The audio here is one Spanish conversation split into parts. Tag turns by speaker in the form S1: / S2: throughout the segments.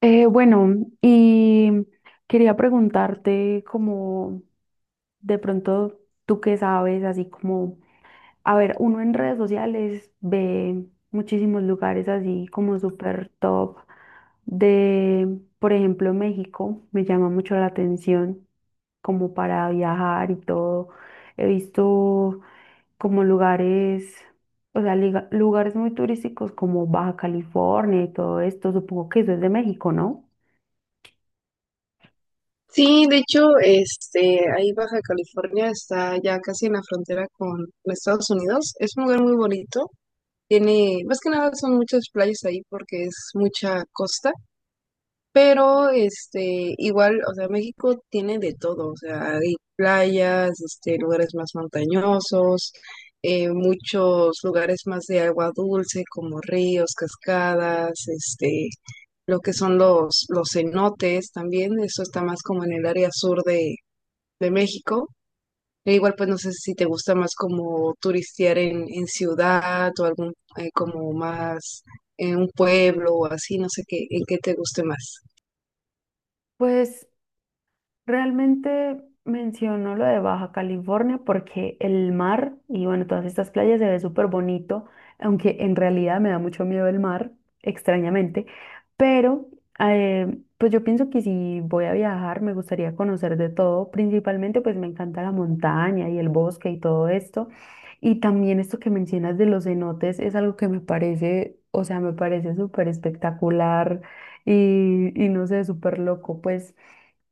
S1: Bueno, y quería preguntarte como de pronto tú qué sabes, así como, a ver, uno en redes sociales ve muchísimos lugares así como súper top de, por ejemplo, México. Me llama mucho la atención como para viajar y todo. He visto como lugares, o sea, lugares muy turísticos como Baja California y todo esto. Supongo que eso es de México, ¿no?
S2: Sí, de hecho, este, ahí Baja California está ya casi en la frontera con Estados Unidos. Es un lugar muy bonito. Tiene, más que nada son muchas playas ahí porque es mucha costa. Pero, este, igual, o sea, México tiene de todo, o sea, hay playas, este, lugares más montañosos, muchos lugares más de agua dulce, como ríos, cascadas, este, lo que son los cenotes también, eso está más como en el área sur de México. E igual, pues no sé si te gusta más como turistear en ciudad o algún, como más en un pueblo o así, no sé qué, en qué te guste más.
S1: Pues realmente menciono lo de Baja California porque el mar y bueno, todas estas playas se ve súper bonito, aunque en realidad me da mucho miedo el mar, extrañamente, pero pues yo pienso que si voy a viajar me gustaría conocer de todo. Principalmente pues me encanta la montaña y el bosque y todo esto, y también esto que mencionas de los cenotes es algo que me parece, o sea, me parece súper espectacular y, no sé, súper loco, pues.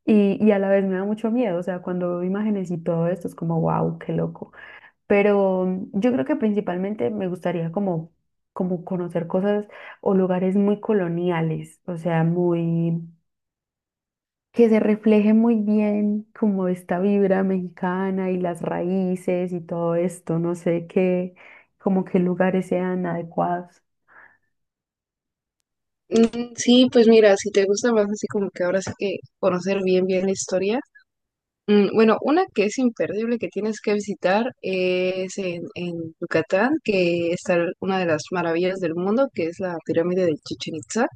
S1: Y, a la vez me da mucho miedo, o sea, cuando veo imágenes y todo esto es como, wow, qué loco. Pero mm, yo creo que principalmente me gustaría como, como conocer cosas o lugares muy coloniales, o sea, muy, que se refleje muy bien como esta vibra mexicana y las raíces y todo esto, no sé qué, como qué lugares sean adecuados.
S2: Mm, sí, pues mira, si te gusta más así como que ahora sí que conocer bien bien la historia. Bueno, una que es imperdible que tienes que visitar es en Yucatán, que está una de las maravillas del mundo, que es la pirámide de Chichen Itza.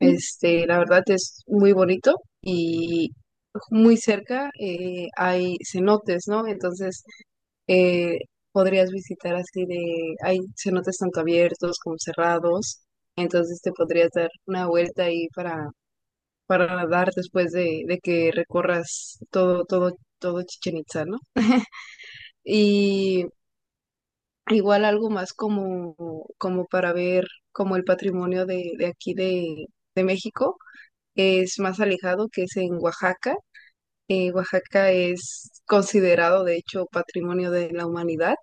S2: Este, la verdad es muy bonito y muy cerca hay cenotes, ¿no? Entonces eh, podrías visitar así de, hay cenotes tanto abiertos como cerrados, entonces te podrías dar una vuelta ahí para nadar después de que recorras todo Chichen Itza, ¿no? Y igual algo más como, como para ver como el patrimonio de aquí de México, es más alejado que es en Oaxaca. Oaxaca es considerado, de hecho, patrimonio de la humanidad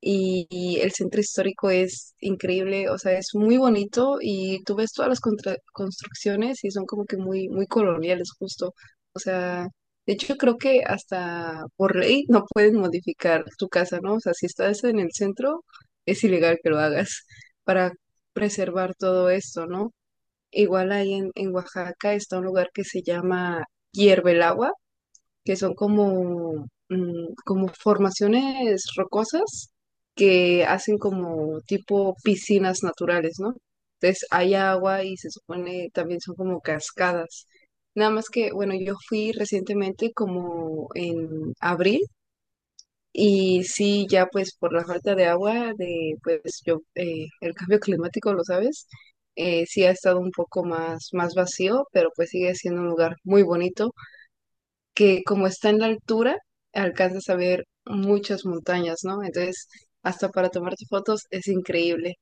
S2: y el centro histórico es increíble, o sea, es muy bonito y tú ves todas las construcciones y son como que muy coloniales justo. O sea, de hecho creo que hasta por ley no pueden modificar tu casa, ¿no? O sea, si estás en el centro, es ilegal que lo hagas para preservar todo esto, ¿no? Igual ahí en Oaxaca está un lugar que se llama Hierve el Agua que son como, como formaciones rocosas que hacen como tipo piscinas naturales, ¿no? Entonces hay agua y se supone también son como cascadas. Nada más que, bueno, yo fui recientemente como en abril y sí, ya pues por la falta de agua, de pues yo, el cambio climático, lo sabes, sí ha estado un poco más, más vacío, pero pues sigue siendo un lugar muy bonito que como está en la altura, alcanzas a ver muchas montañas, ¿no? Entonces, hasta para tomarte fotos es increíble.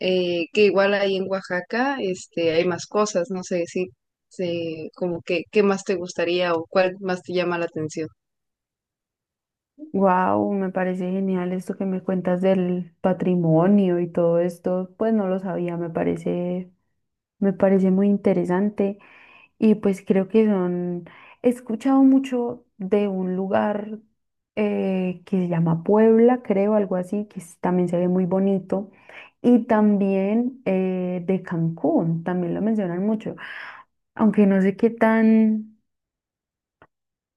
S2: Que igual ahí en Oaxaca, este, hay más cosas, no sé si, como que, ¿qué más te gustaría o cuál más te llama la atención?
S1: Wow, me parece genial esto que me cuentas del patrimonio y todo esto. Pues no lo sabía. Me parece muy interesante, y pues creo que son, he escuchado mucho de un lugar que se llama Puebla, creo, algo así, también se ve muy bonito. Y también de Cancún, también lo mencionan mucho, aunque no sé qué tan,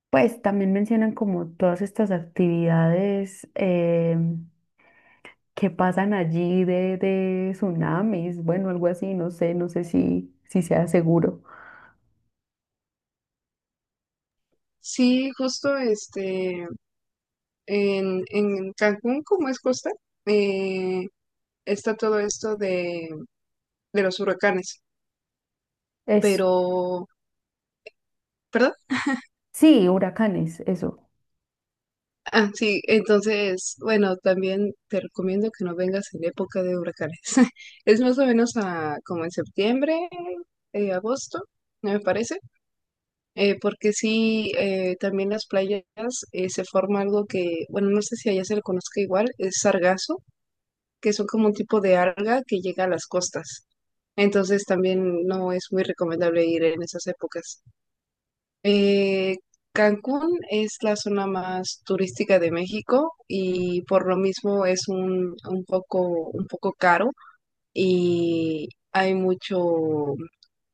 S1: pues también mencionan como todas estas actividades que pasan allí de tsunamis, bueno, algo así, no sé, no sé si sea seguro.
S2: Sí, justo, este, en Cancún, como es costa, eh, está todo esto de los huracanes,
S1: Es,
S2: pero, ¿perdón?
S1: sí, huracanes, eso.
S2: Ah, sí, entonces, bueno, también te recomiendo que no vengas en época de huracanes. Es más o menos como en septiembre, agosto, me parece, porque sí, también las playas se forma algo que, bueno, no sé si allá se le conozca igual, es sargazo, que son como un tipo de alga que llega a las costas. Entonces también no es muy recomendable ir en esas épocas. Eh, Cancún es la zona más turística de México y por lo mismo es un poco caro y hay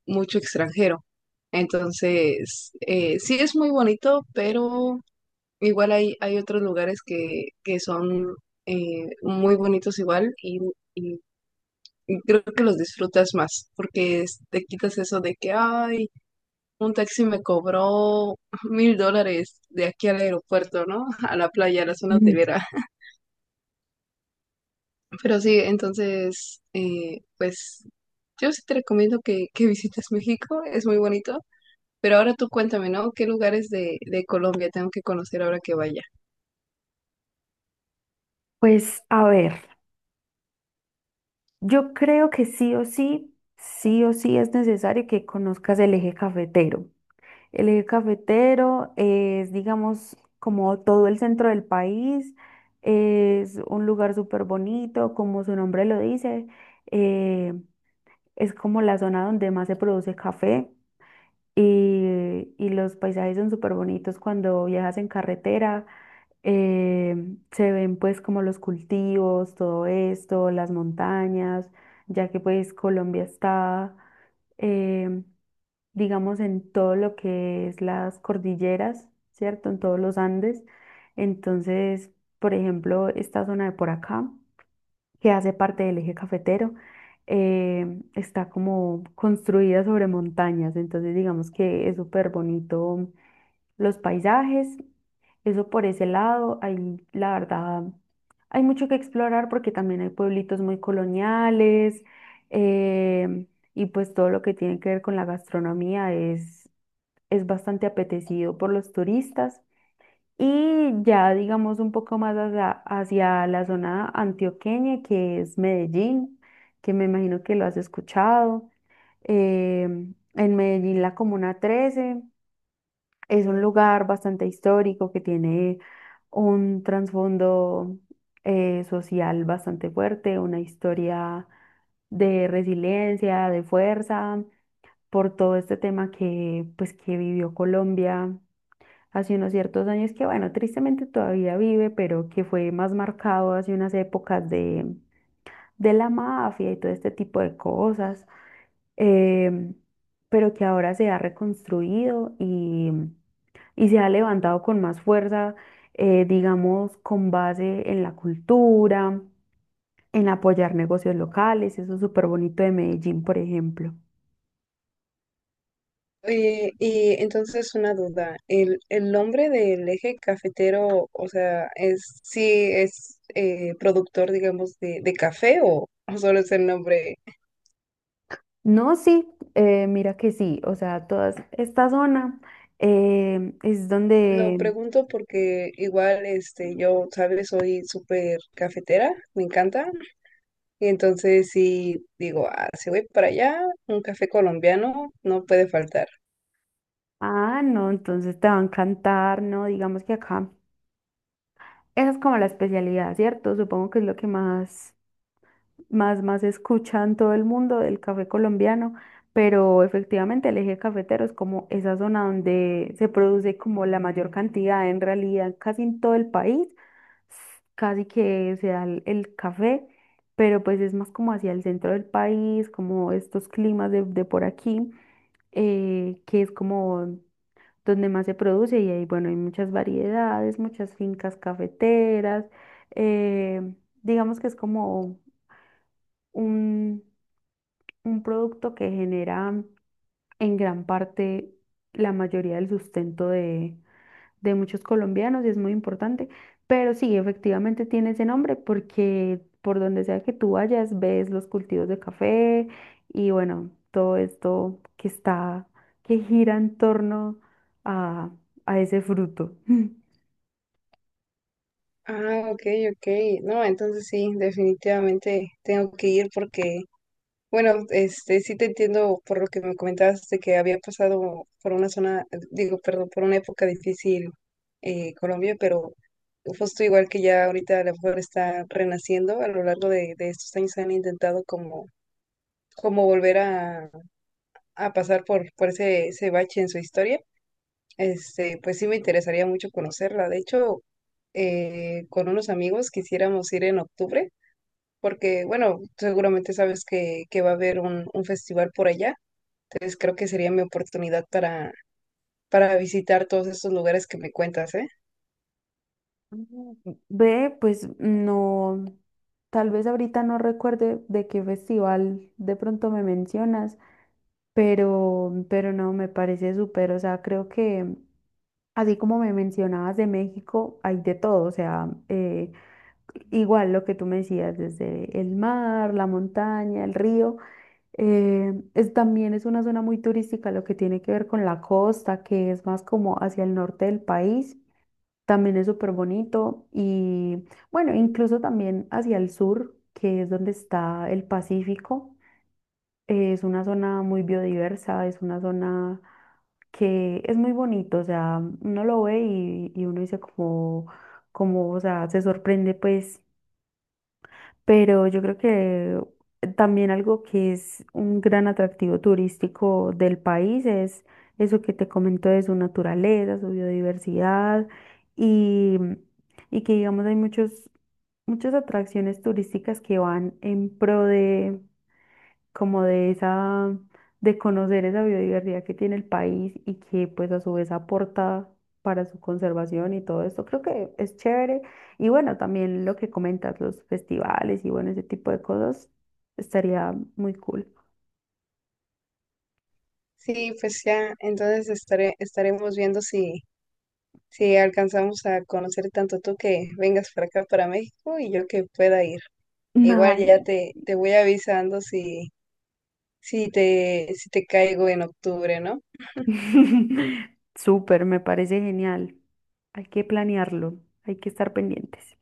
S2: mucho extranjero. Entonces, sí es muy bonito, pero igual hay otros lugares que son muy bonitos igual y- y creo que los disfrutas más porque te quitas eso de que, ay, un taxi me cobró $1000 de aquí al aeropuerto, ¿no? A la playa, a la zona
S1: Mm,
S2: hotelera. Pero sí, entonces, pues yo sí te recomiendo que visites México, es muy bonito. Pero ahora tú cuéntame, ¿no? ¿Qué lugares de Colombia tengo que conocer ahora que vaya?
S1: pues a ver, yo creo que sí o sí es necesario que conozcas el eje cafetero. El eje cafetero es, digamos, como todo el centro del país. Es un lugar súper bonito, como su nombre lo dice. eh, es como la zona donde más se produce café, y, los paisajes son súper bonitos cuando viajas en carretera. eh, Se ven pues como los cultivos, todo esto, las montañas, ya que pues Colombia está em, digamos, en todo lo que es las cordilleras, ¿cierto? En todos los Andes. Entonces, por ejemplo, esta zona de por acá, que hace parte del eje cafetero, está como construida sobre montañas. Entonces, digamos que es súper bonito los paisajes. Eso por ese lado, hay, la verdad, hay mucho que explorar porque también hay pueblitos muy coloniales. em, y pues todo lo que tiene que ver con la gastronomía es bastante apetecido por los turistas. Y ya digamos un poco más hacia la zona antioqueña, que es Medellín, que me imagino que lo has escuchado. Em, en Medellín, la Comuna 13 es un lugar bastante histórico que tiene un trasfondo social bastante fuerte, una historia de resiliencia, de fuerza, por todo este tema que, pues, que vivió Colombia hace unos ciertos años que, bueno, tristemente todavía vive, pero que fue más marcado hace unas épocas de la mafia y todo este tipo de cosas, em, pero que ahora se ha reconstruido y, se ha levantado con más fuerza, digamos, con base en la cultura, en apoyar negocios locales. Eso es súper bonito de Medellín, por ejemplo.
S2: Y entonces una duda, el nombre del eje cafetero, o sea, es sí es productor, digamos, de café o solo es el nombre.
S1: No, sí, mira que sí, o sea, toda esta zona es
S2: Lo
S1: donde.
S2: pregunto porque igual, este, yo, sabes, soy súper cafetera, me encanta, y entonces sí digo, ah, si voy para allá, un café colombiano no puede faltar.
S1: Ah, no, entonces te va a encantar, ¿no? Digamos que acá, esa es como la especialidad, ¿cierto? Supongo que es lo que más, más, más escuchan todo el mundo del café colombiano, pero efectivamente el eje cafetero es como esa zona donde se produce como la mayor cantidad, en realidad casi en todo el país, casi que se da el café, pero pues es más como hacia el centro del país, como estos climas de por aquí que es como donde más se produce. Y ahí, bueno, hay muchas variedades, muchas fincas cafeteras. eh, digamos que es como un, un producto que genera en gran parte la mayoría del sustento de muchos colombianos y es muy importante. Pero sí, efectivamente tiene ese nombre porque por donde sea que tú vayas, ves los cultivos de café y bueno, todo esto que está, que gira en torno a, a ese fruto.
S2: Ah, ok, ok. No, entonces sí, definitivamente tengo que ir porque bueno, este, sí te entiendo por lo que me comentabas de que había pasado por una zona, digo, perdón, por una época difícil Colombia, pero justo igual que ya ahorita a lo mejor está renaciendo, a lo largo de estos años han intentado como, como volver a pasar por ese, ese bache en su historia. Este, pues sí me interesaría mucho conocerla. De hecho, con unos amigos quisiéramos ir en octubre, porque, bueno, seguramente sabes que va a haber un festival por allá. Entonces creo que sería mi oportunidad para visitar todos estos lugares que me cuentas, ¿eh?
S1: Mm, ve, pues no, tal vez ahorita no recuerde de qué festival de pronto me mencionas, pero no, me parece súper, o sea, creo que así como me mencionabas de México, hay de todo, o sea, igual lo que tú me decías, desde el mar, la montaña, el río, es, también es una zona muy turística, lo que tiene que ver con la costa, que es más como hacia el norte del país. También es súper bonito, y bueno, incluso también hacia el sur, que es donde está el Pacífico. Es una zona muy biodiversa, es una zona que es muy bonito, o sea, uno lo ve y, uno dice como, como, o sea, se sorprende pues, pero yo creo que también algo que es un gran atractivo turístico del país es eso que te comento de su naturaleza, su biodiversidad y, que digamos hay muchas atracciones turísticas que van en pro de como de esa, de conocer esa biodiversidad que tiene el país y que pues a su vez aporta para su conservación y todo esto. Creo que es chévere. Y bueno, también lo que comentas, los festivales y bueno, ese tipo de cosas, estaría muy cool.
S2: Sí, pues ya, entonces estaré, estaremos viendo si, si alcanzamos a conocer tanto tú que vengas para acá, para México, y yo que pueda ir. Igual ya
S1: Ay.
S2: te voy avisando si, si te caigo en octubre, ¿no?
S1: Súper, me parece genial. Hay que planearlo, hay que estar pendientes.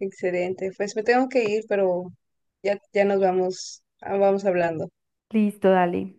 S2: Excelente. Pues me tengo que ir, pero ya nos vamos, ah, vamos hablando.
S1: Listo, dale.